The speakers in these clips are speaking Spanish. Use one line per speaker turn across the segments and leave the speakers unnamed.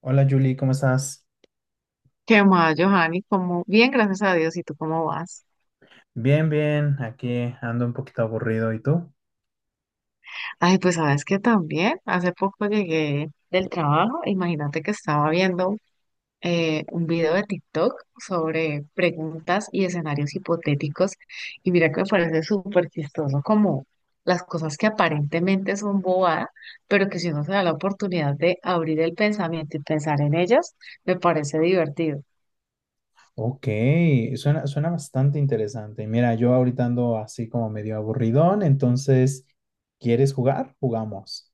Hola Julie, ¿cómo estás?
¿Qué más, Johanny? Cómo bien, gracias a Dios. ¿Y tú cómo vas?
Bien, bien, aquí ando un poquito aburrido, ¿y tú?
Ay, pues sabes que también hace poco llegué del trabajo. Imagínate que estaba viendo un video de TikTok sobre preguntas y escenarios hipotéticos. Y mira que me parece súper chistoso como las cosas que aparentemente son bobadas, pero que si uno se da la oportunidad de abrir el pensamiento y pensar en ellas, me parece divertido.
Ok, suena bastante interesante. Mira, yo ahorita ando así como medio aburridón, entonces, ¿quieres jugar? Jugamos.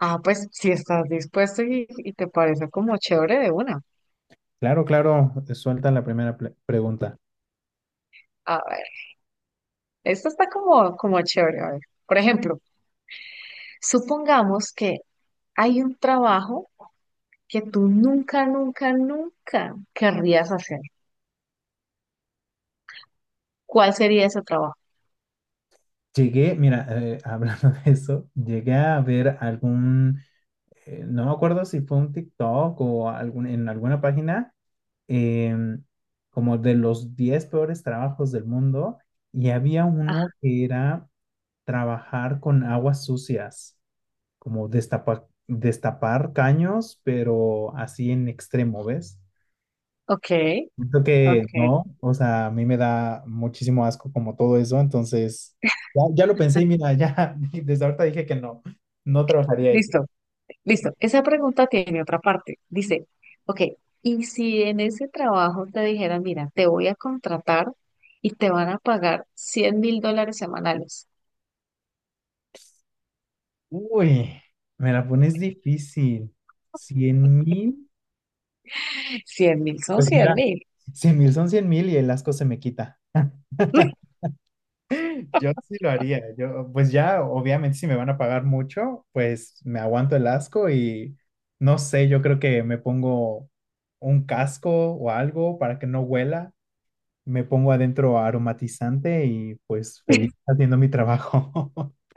Ah, pues si estás dispuesto y te parece como chévere de una.
Claro, claro, suelta la primera pregunta.
ah, Esto está como chévere. A ver. Por ejemplo, supongamos que hay un trabajo que tú nunca, nunca, nunca querrías hacer. ¿Cuál sería ese trabajo?
Llegué, mira, hablando de eso, llegué a ver algún, no me acuerdo si fue un TikTok o algún, en alguna página, em, como de los 10 peores trabajos del mundo, y había
Ah,
uno que era trabajar con aguas sucias, como destapar caños, pero así en extremo, ¿ves?
ok,
Siento que
ok.
no, o sea, a mí me da muchísimo asco como todo eso, entonces ya, ya lo pensé y mira, ya desde ahorita dije que no, no trabajaría ahí.
Listo, listo. Esa pregunta tiene otra parte. Dice, ok, ¿y si en ese trabajo te dijeran, mira, te voy a contratar y te van a pagar $100.000 semanales?
Uy, me la pones difícil. 100.000.
cien mil son
Pues
cien
mira,
mil.
100.000 son 100.000 y el asco se me quita. Yo sí lo haría. Yo, pues ya, obviamente, si me van a pagar mucho, pues me aguanto el asco y no sé, yo creo que me pongo un casco o algo para que no huela. Me pongo adentro aromatizante y pues feliz haciendo mi trabajo.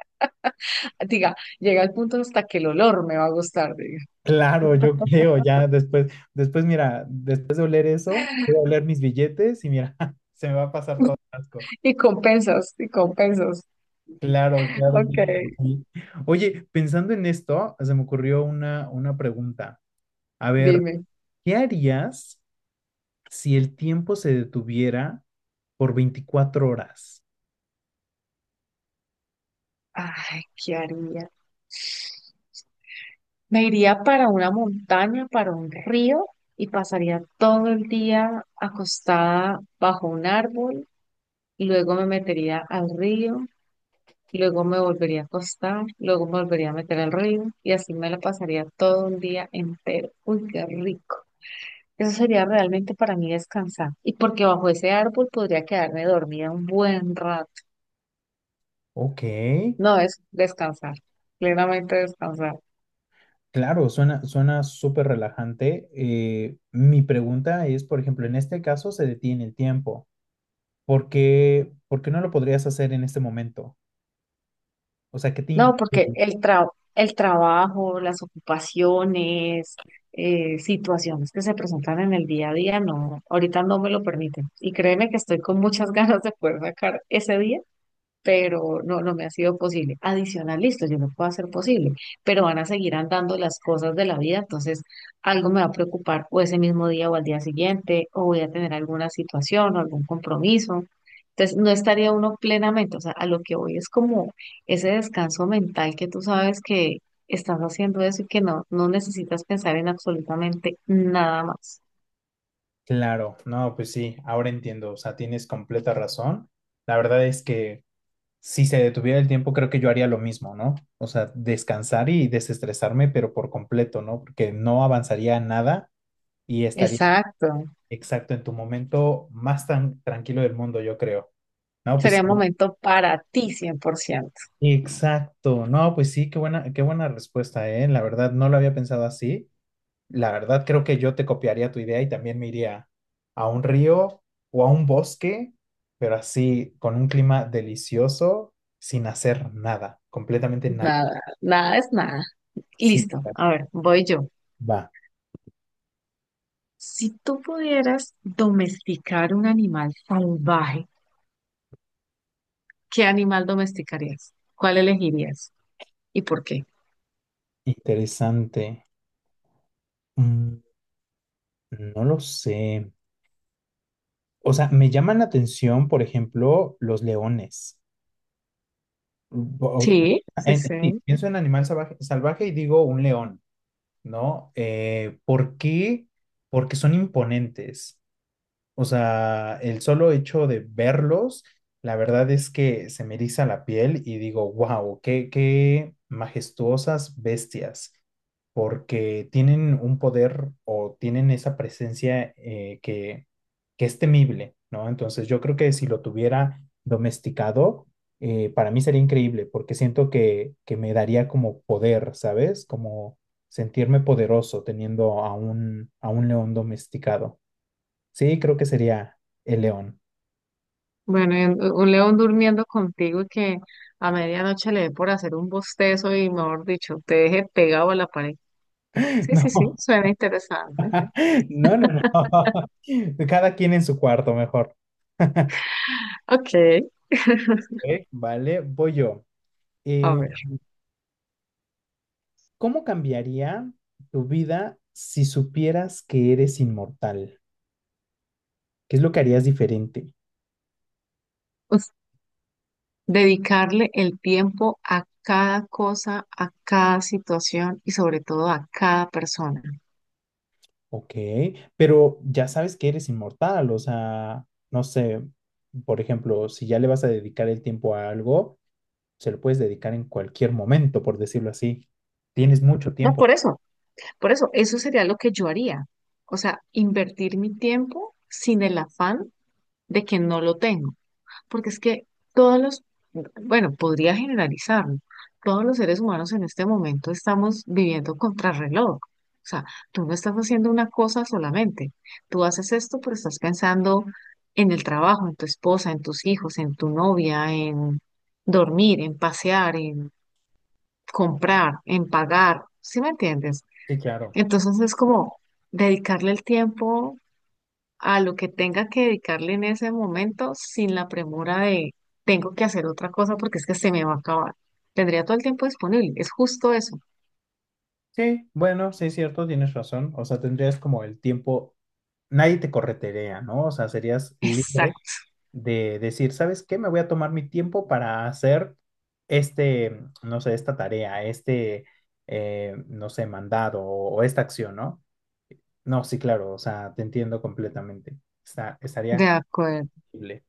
Diga, llega el punto hasta que el olor me va a gustar.
Claro, yo creo, ya después, mira, después de oler eso, voy a oler mis billetes y mira, se me va a pasar todo el asco.
Y con pesos, y con pesos.
Claro, claro, claro.
Ok,
Sí. Oye, pensando en esto, se me ocurrió una pregunta. A ver,
dime.
¿qué harías si el tiempo se detuviera por 24 horas?
Ay, ¿qué haría? Me iría para una montaña, para un río, y pasaría todo el día acostada bajo un árbol. Luego me metería al río, luego me volvería a acostar, luego me volvería a meter al río, y así me la pasaría todo un día entero. Uy, qué rico. Eso sería realmente para mí descansar. Y porque bajo ese árbol podría quedarme dormida un buen rato.
Ok,
No, es descansar, plenamente descansar.
claro, suena súper relajante. Mi pregunta es, por ejemplo, en este caso se detiene el tiempo. ¿Por qué no lo podrías hacer en este momento? O sea, ¿qué te
No, porque
impide?
el trabajo, las ocupaciones, situaciones que se presentan en el día a día, no, ahorita no me lo permiten. Y créeme que estoy con muchas ganas de poder sacar ese día, pero no, no me ha sido posible. Adicional, listo, yo lo puedo hacer posible, pero van a seguir andando las cosas de la vida, entonces algo me va a preocupar o ese mismo día o al día siguiente, o voy a tener alguna situación o algún compromiso. Entonces, no estaría uno plenamente, o sea, a lo que voy es como ese descanso mental que tú sabes que estás haciendo eso y que no, no necesitas pensar en absolutamente nada más.
Claro, no, pues sí, ahora entiendo. O sea, tienes completa razón. La verdad es que si se detuviera el tiempo, creo que yo haría lo mismo, ¿no? O sea, descansar y desestresarme, pero por completo, ¿no? Porque no avanzaría nada y estaría
Exacto.
exacto en tu momento más tan tranquilo del mundo, yo creo. No, pues
Sería un momento para ti 100%.
exacto. No, pues sí, qué buena respuesta, ¿eh? La verdad, no lo había pensado así. La verdad, creo que yo te copiaría tu idea y también me iría a un río o a un bosque, pero así, con un clima delicioso, sin hacer nada, completamente nada.
Nada, nada es nada.
Sí.
Listo, a ver, voy yo.
Va,
Si tú pudieras domesticar un animal salvaje, ¿qué animal domesticarías? ¿Cuál elegirías? ¿Y por qué?
interesante. Mm, no lo sé. O sea, me llaman la atención, por ejemplo, los leones. O-
Sí, sí,
sí,
sí.
pienso en animal salvaje, salvaje y digo un león, ¿no? ¿Por qué? Porque son imponentes. O sea, el solo hecho de verlos, la verdad es que se me eriza la piel y digo, wow, qué majestuosas bestias, porque tienen un poder o tienen esa presencia, que es temible, ¿no? Entonces yo creo que si lo tuviera domesticado, para mí sería increíble, porque siento que me daría como poder, ¿sabes? Como sentirme poderoso teniendo a un león domesticado. Sí, creo que sería el león.
Bueno, y un león durmiendo contigo y que a medianoche le dé por hacer un bostezo y, mejor dicho, te deje pegado a la pared. Sí, sí, sí, suena interesante.
No, no, no, no. Cada quien en su cuarto, mejor.
Ok,
Ok, vale, voy yo.
a
Eh,
ver.
¿Cómo cambiaría tu vida si supieras que eres inmortal? ¿Qué es lo que harías diferente?
Us- Dedicarle el tiempo a cada cosa, a cada situación y sobre todo a cada persona.
Ok, pero ya sabes que eres inmortal, o sea, no sé, por ejemplo, si ya le vas a dedicar el tiempo a algo, se lo puedes dedicar en cualquier momento, por decirlo así. Tienes mucho
No,
tiempo.
por eso, eso sería lo que yo haría. O sea, invertir mi tiempo sin el afán de que no lo tengo. Porque es que todos los, bueno, podría generalizarlo, todos los seres humanos en este momento estamos viviendo contrarreloj. O sea, tú no estás haciendo una cosa solamente. Tú haces esto, pero estás pensando en el trabajo, en tu esposa, en tus hijos, en tu novia, en dormir, en pasear, en comprar, en pagar. ¿Sí me entiendes?
Sí, claro.
Entonces es como dedicarle el tiempo a lo que tenga que dedicarle en ese momento sin la premura de tengo que hacer otra cosa porque es que se me va a acabar. Tendría todo el tiempo disponible, es justo eso.
Sí, bueno, sí es cierto, tienes razón. O sea, tendrías como el tiempo, nadie te corretearía, ¿no? O sea, serías libre
Exacto,
de decir, ¿sabes qué? Me voy a tomar mi tiempo para hacer este, no sé, esta tarea, este, no sé, mandado o esta acción, ¿no? No, sí, claro, o sea, te entiendo completamente. Está,
de
estaría
acuerdo.
libre.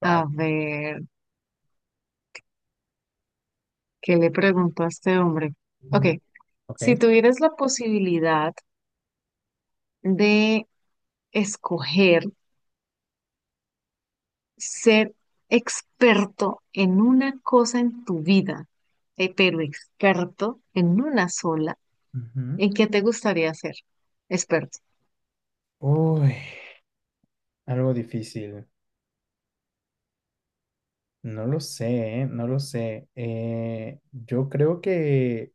Vale.
A ver, ¿qué le pregunto a este hombre? Ok,
Mm, ok.
si tuvieras la posibilidad de escoger ser experto en una cosa en tu vida, pero experto en una sola,
Ujú.
¿en qué te gustaría ser experto?
Uy, algo difícil. No lo sé, ¿eh? No lo sé. Yo creo que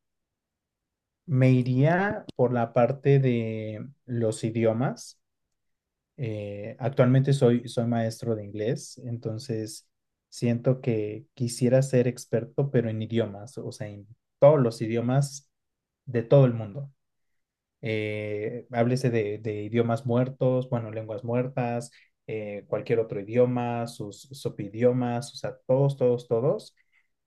me iría por la parte de los idiomas. Actualmente soy maestro de inglés, entonces siento que quisiera ser experto, pero en idiomas, o sea, en todos los idiomas de todo el mundo, háblese de idiomas muertos, bueno, lenguas muertas, cualquier otro idioma, sus subidiomas, o sea, todos, todos, todos,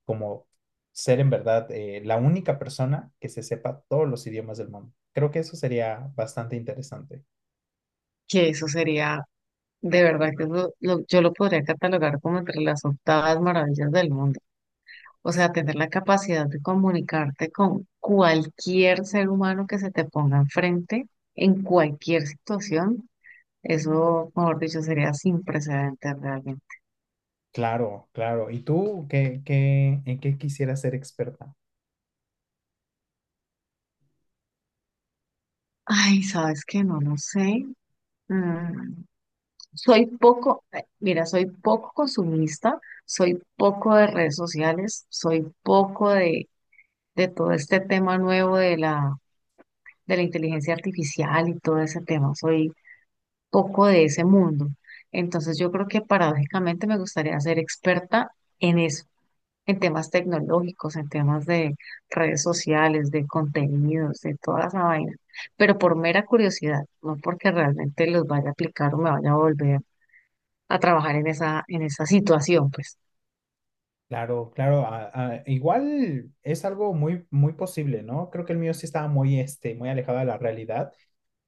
como ser en verdad, la única persona que se sepa todos los idiomas del mundo. Creo que eso sería bastante interesante.
Que eso sería. De verdad que eso yo lo podría catalogar como entre las octavas maravillas del mundo. O sea, tener la capacidad de comunicarte con cualquier ser humano que se te ponga enfrente en cualquier situación, eso, mejor dicho, sería sin precedentes realmente.
Claro, claro. ¿Y tú en qué quisieras ser experta?
Ay, ¿sabes que no lo sé? Mm, soy poco, mira, soy poco consumista, soy poco de redes sociales, soy poco de todo este tema nuevo de la inteligencia artificial y todo ese tema. Soy poco de ese mundo. Entonces yo creo que paradójicamente me gustaría ser experta en eso, en temas tecnológicos, en temas de redes sociales, de contenidos, de toda esa vaina. Pero por mera curiosidad, no porque realmente los vaya a aplicar o me vaya a volver a trabajar en esa situación, pues.
Claro, claro, igual es algo muy, muy posible, ¿no? Creo que el mío sí estaba muy, muy alejado de la realidad.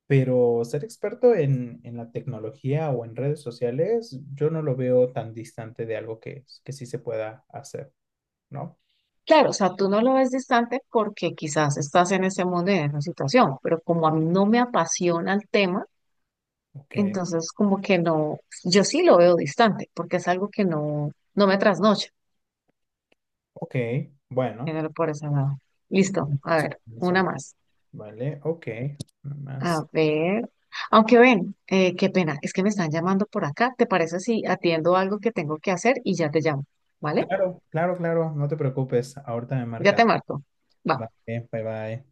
Pero ser experto en la tecnología o en redes sociales, yo no lo veo tan distante de algo que sí se pueda hacer, ¿no?
Claro, o sea, tú no lo ves distante porque quizás estás en ese mundo y en esa situación, pero como a mí no me apasiona el tema,
Ok,
entonces, como que no, yo sí lo veo distante, porque es algo que no, no me trasnocha,
ok, bueno.
tenerlo por ese lado.
eh,
Listo, a
Eso,
ver, una
eso,
más.
vale, ok, nada
A
más.
ver, aunque ven, qué pena, es que me están llamando por acá. ¿Te parece si atiendo algo que tengo que hacer y ya te llamo? ¿Vale?
Claro, claro, claro, no te preocupes, ahorita me
Ya
marcas.
te marco. Va.
Vale, bye bye.